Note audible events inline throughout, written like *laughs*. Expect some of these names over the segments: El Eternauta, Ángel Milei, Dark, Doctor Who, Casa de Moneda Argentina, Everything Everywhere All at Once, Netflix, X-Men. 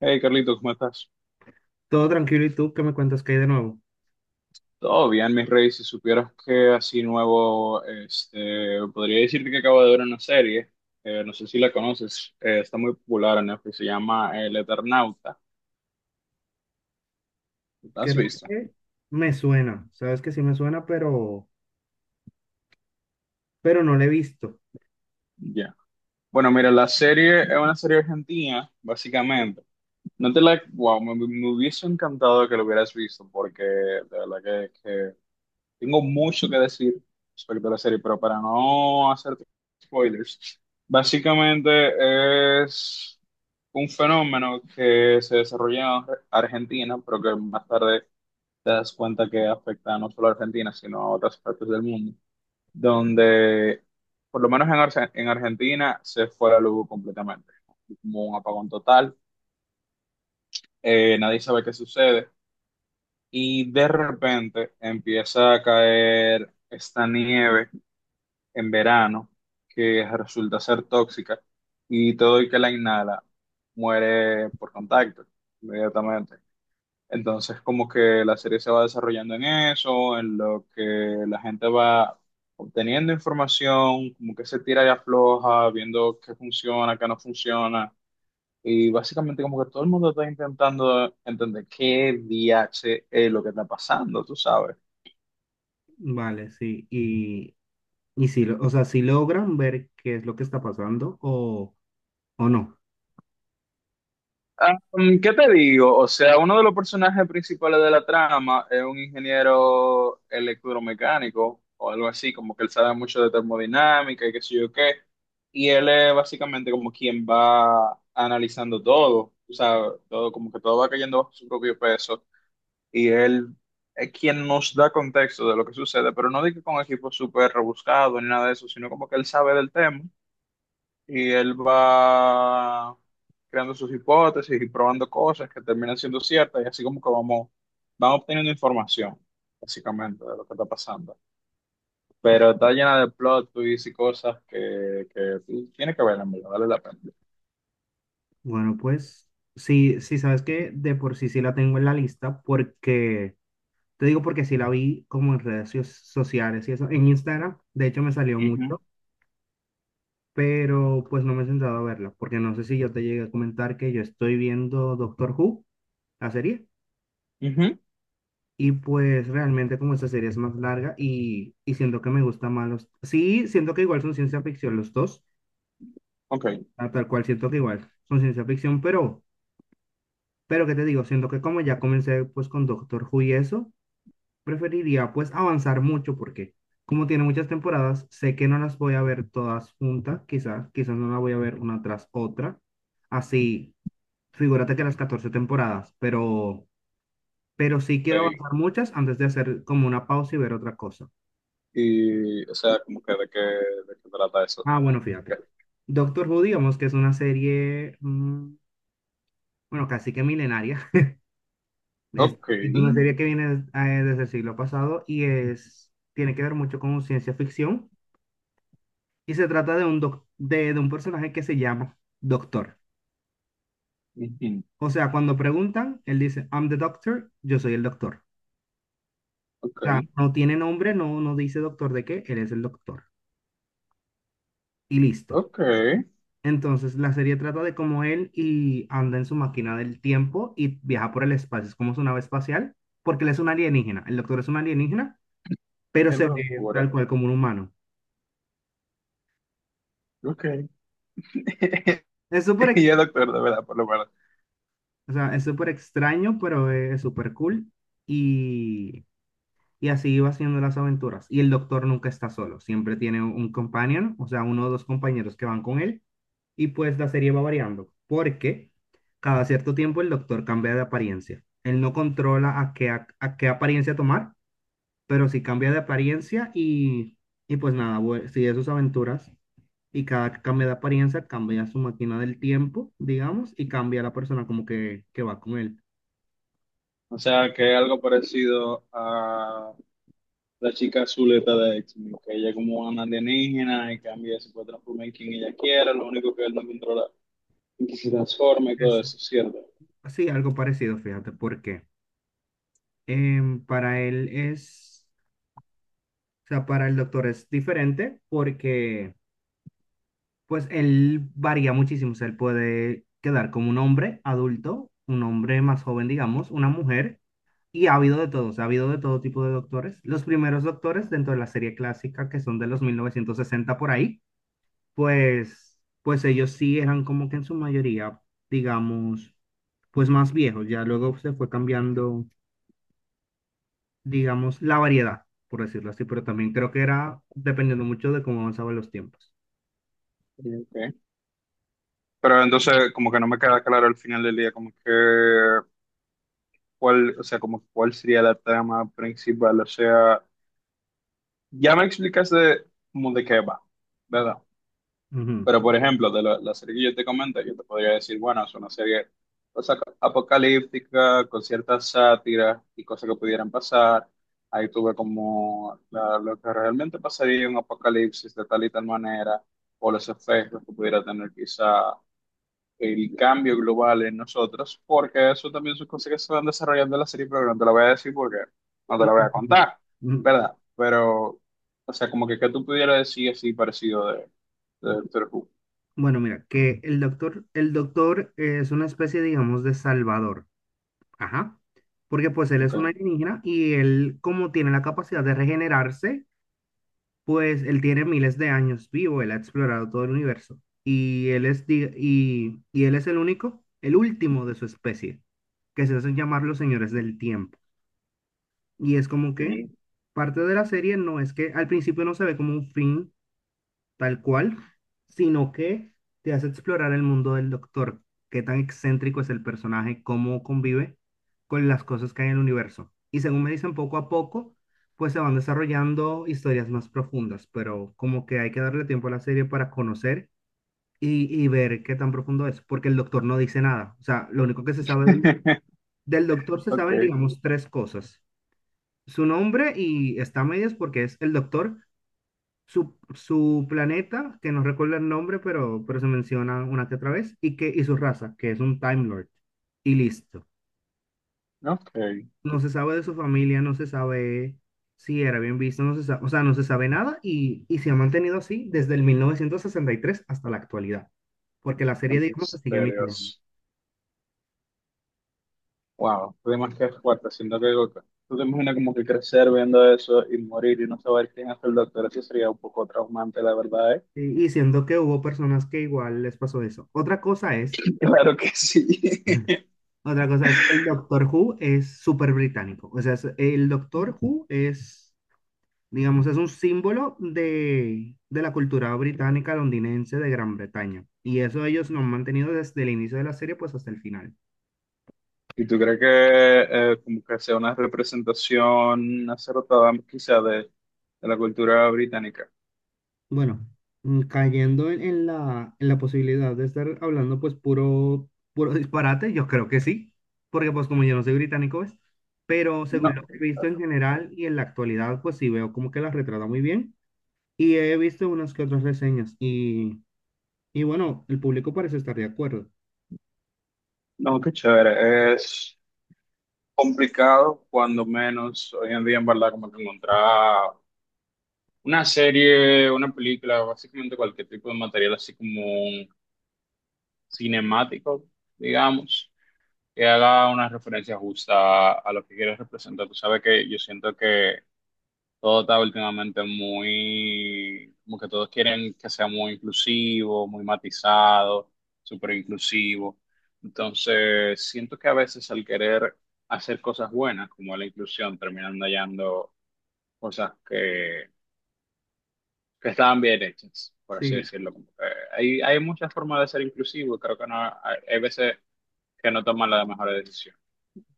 Hey Carlito, ¿cómo estás? Todo tranquilo, ¿y tú qué me cuentas que hay de nuevo? Todo bien, mi rey. Si supieras que así nuevo, podría decirte que acabo de ver una serie. No sé si la conoces. Está muy popular en Netflix. Se llama El Eternauta. ¿La has Creo visto? que me suena, sabes que sí me suena, pero no lo he visto. Ya. Bueno, mira, la serie es una serie argentina, básicamente. No te la, wow, me hubiese encantado que lo hubieras visto, porque de verdad que tengo mucho que decir respecto a la serie, pero para no hacer spoilers, básicamente es un fenómeno que se desarrolla en Argentina, pero que más tarde te das cuenta que afecta no solo a Argentina, sino a otras partes del mundo, donde por lo menos en Argentina se fue la luz completamente, como un apagón total. Nadie sabe qué sucede, y de repente empieza a caer esta nieve en verano, que resulta ser tóxica, y todo el que la inhala muere por contacto inmediatamente. Entonces, como que la serie se va desarrollando en eso, en lo que la gente va obteniendo información, como que se tira y afloja, viendo qué funciona, qué no funciona. Y básicamente como que todo el mundo está intentando entender qué DH es lo que está pasando, tú sabes. Vale, sí, y sí, o sea, si logran ver qué es lo que está pasando o no. Ah, ¿qué te digo? O sea, uno de los personajes principales de la trama es un ingeniero electromecánico o algo así, como que él sabe mucho de termodinámica y qué sé yo qué. Y él es básicamente como quien va analizando todo, o sea, todo como que todo va cayendo bajo su propio peso. Y él es quien nos da contexto de lo que sucede, pero no digo con equipos súper rebuscados ni nada de eso, sino como que él sabe del tema, y él va creando sus hipótesis y probando cosas que terminan siendo ciertas, y así como que vamos, van obteniendo información, básicamente, de lo que está pasando. Pero está llena de plot twists y cosas que tiene que ver, en verdad, vale la pena. Bueno, pues sí, sí, sabes que de por sí sí la tengo en la lista porque, te digo porque sí la vi como en redes sociales y eso, en Instagram, de hecho me salió Ujú, mucho, pero pues no me he sentado a verla, porque no sé si yo te llegué a comentar que yo estoy viendo Doctor Who, la serie. ujú, Y pues realmente como esta serie es más larga y siento que me gusta más los... Sí, siento que igual son ciencia ficción los dos, ok, a tal cual siento que igual son ciencia ficción, pero ¿qué te digo? Siento que como ya comencé pues con Doctor Who y eso, preferiría pues avanzar mucho porque como tiene muchas temporadas, sé que no las voy a ver todas juntas, quizás, quizás no las voy a ver una tras otra. Así, figúrate que las 14 temporadas, pero sí quiero ok. avanzar muchas antes de hacer como una pausa y ver otra cosa. Y, o sea, como que de qué trata eso. Ah, bueno, fíjate. Doctor Who, digamos que es una serie, bueno, casi que milenaria. *laughs* Es, Ok, es una serie que viene desde el siglo pasado tiene que ver mucho con ciencia ficción. Y se trata de un personaje que se llama Doctor. ujú, O sea, cuando preguntan, él dice, I'm the doctor, yo soy el doctor. O ok, sea, no tiene nombre, no dice doctor de qué, él es el doctor. Y listo. ok. Entonces, la serie trata de cómo él y anda en su máquina del tiempo y viaja por el espacio. Es como su nave espacial, porque él es un alienígena. El doctor es un alienígena, pero Qué se ve tal locura. cual como un humano. Ok. *laughs* Es súper Y ex- el doctor, de verdad, por lo menos. o sea, es súper extraño, pero es súper cool. Y, y así va haciendo las aventuras. Y el doctor nunca está solo. Siempre tiene un companion, o sea, uno o dos compañeros que van con él. Y pues la serie va variando, porque cada cierto tiempo el doctor cambia de apariencia. Él no controla a qué apariencia tomar, pero sí cambia de apariencia y pues nada, sigue sus aventuras. Y cada que cambia de apariencia, cambia su máquina del tiempo, digamos, y cambia la persona como que va con él. O sea, que es algo parecido a la chica azuleta de X-Men, que ella es como una alienígena y cambia, se puede transformar en quien ella quiera, lo único que él no controla es que se transforma y todo Eso. eso, ¿cierto? Sí, algo parecido, fíjate, porque para él es, o sea, para el doctor es diferente porque pues él varía muchísimo, o sea, él puede quedar como un hombre adulto, un hombre más joven, digamos, una mujer, y ha habido de todos, ha habido de todo tipo de doctores. Los primeros doctores dentro de la serie clásica, que son de los 1960 por ahí, pues ellos sí eran como que en su mayoría, digamos, pues más viejos, ya luego se fue cambiando, digamos, la variedad, por decirlo así, pero también creo que era dependiendo mucho de cómo avanzaban los tiempos. Ok. Pero entonces, como que no me queda claro al final del día, como que, cuál, o sea, como cuál sería la trama principal, o sea, ya me explicaste como de qué va, ¿verdad? Ujú. Pero, por ejemplo, de la serie que yo te comento, yo te podría decir, bueno, es una serie, o sea, apocalíptica, con ciertas sátiras y cosas que pudieran pasar. Ahí tuve como lo que realmente pasaría en un apocalipsis de tal y tal manera, o los efectos que pudiera tener quizá el cambio global en nosotros, porque eso también son cosas que se van desarrollando en la serie, pero no te lo voy a decir porque no te lo voy a contar, *laughs* ¿verdad? Pero, o sea, como que tú pudieras decir así parecido de Doctor Who. Bueno, mira, que el doctor es una especie, digamos, de salvador. Ajá. Porque pues él es Ok. un alienígena y él, como tiene la capacidad de regenerarse, pues él tiene miles de años vivo, él ha explorado todo el universo. Y él es el único, el último de su especie, que se hacen llamar los señores del tiempo. Y es como que Sí. parte de la serie no es que al principio no se ve como un fin tal cual, sino que te hace explorar el mundo del Doctor, qué tan excéntrico es el personaje, cómo convive con las cosas que hay en el universo. Y según me dicen, poco a poco, pues se van desarrollando historias más profundas, pero como que hay que darle tiempo a la serie para conocer y ver qué tan profundo es, porque el Doctor no dice nada. O sea, lo único que se sabe del, *laughs* del Doctor se Ok, saben, digamos, tres cosas. Su nombre y está a medias porque es el Doctor, su planeta, que no recuerdo el nombre, pero se menciona una que otra vez, y su raza, que es un Time Lord. Y listo. no, ok. No se sabe de su familia, no se sabe si era bien visto, no se sabe, o sea, no se sabe nada y se ha mantenido así desde el 1963 hasta la actualidad, porque la serie, digamos, se sigue emitiendo. Misterios. Wow, qué temas que es fuerte, siento que tú te imaginas como que crecer viendo eso y morir y no saber quién es el doctor, eso sería un poco traumante, la verdad, ¿eh? Y siendo que hubo personas que igual les pasó eso. Otra cosa es. *laughs* Claro que sí. *laughs* *laughs* Otra cosa es, el Doctor Who es súper británico. O sea, el Doctor Who es. Digamos, es un símbolo de la cultura británica londinense de Gran Bretaña. Y eso ellos lo han mantenido desde el inicio de la serie, pues hasta el final. ¿Y tú crees que como que sea una representación acertada quizá de la cultura británica? Bueno, cayendo en la posibilidad de estar hablando, pues puro, puro disparate, yo creo que sí, porque pues como yo no soy británico, ¿ves? Pero según lo No, que he visto en general y en la actualidad, pues sí veo como que la retrata muy bien. Y he visto unas que otras reseñas y bueno, el público parece estar de acuerdo. no, qué chévere. Es complicado, cuando menos hoy en día, en verdad, como que encontrar una serie, una película, básicamente cualquier tipo de material así como un cinemático, digamos, que haga una referencia justa a lo que quieres representar. Tú sabes que yo siento que todo está últimamente muy, como que todos quieren que sea muy inclusivo, muy matizado, súper inclusivo. Entonces, siento que a veces al querer hacer cosas buenas, como la inclusión, terminan hallando cosas que estaban bien hechas, por así Sí, decirlo. Como que hay muchas formas de ser inclusivo y creo que no, hay veces que no toman la mejor decisión.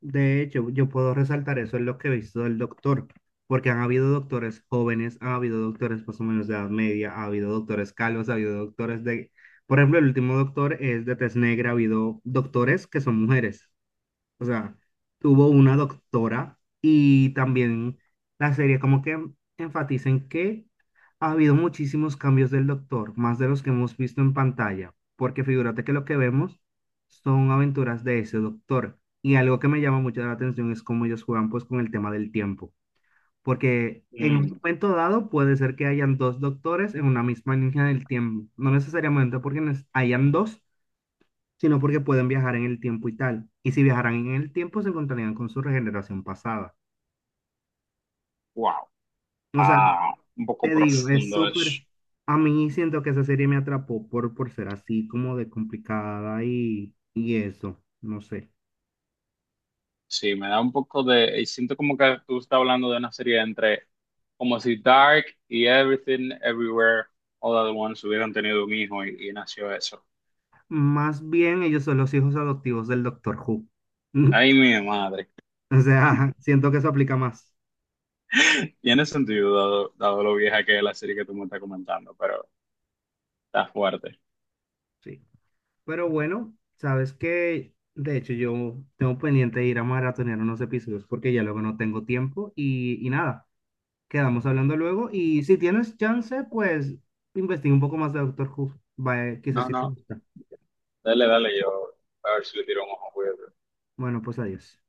de hecho, yo puedo resaltar eso en lo que he visto del doctor, porque han habido doctores jóvenes, ha habido doctores más o menos de edad media, ha habido doctores calvos, ha habido doctores de, por ejemplo, el último doctor es de tez negra, ha habido doctores que son mujeres. O sea, tuvo una doctora y también la serie como que enfatiza en que ha habido muchísimos cambios del doctor, más de los que hemos visto en pantalla, porque figúrate que lo que vemos son aventuras de ese doctor. Y algo que me llama mucho la atención es cómo ellos juegan pues con el tema del tiempo, porque en un Mm, momento dado puede ser que hayan dos doctores en una misma línea del tiempo, no necesariamente porque hayan dos, sino porque pueden viajar en el tiempo y tal. Y si viajaran en el tiempo, se encontrarían con su regeneración pasada. wow. O sea, Ah, un poco te digo, es profundo súper. eso. A mí siento que esa serie me atrapó por ser así como de complicada y eso, no sé. Sí, me da un poco de... Y siento como que tú estás hablando de una serie entre, como si Dark y Everything Everywhere All at Once hubieran tenido un hijo y nació eso. Más bien ellos son los hijos adoptivos del Doctor Who. *laughs* Ay, mi madre. O sea, siento que eso aplica más. Tiene sentido, dado lo vieja que es la serie que tú me estás comentando, pero está fuerte. Sí. Pero bueno, sabes que, de hecho, yo tengo pendiente de ir a maratonear unos episodios porque ya luego no tengo tiempo y nada. Quedamos hablando luego y si tienes chance, pues investiga un poco más de Doctor Who. Vaya, quizás No, sí te no, gusta. dale, dale, yo a ver si le tiro un ojo, cuídate. Bueno, pues adiós.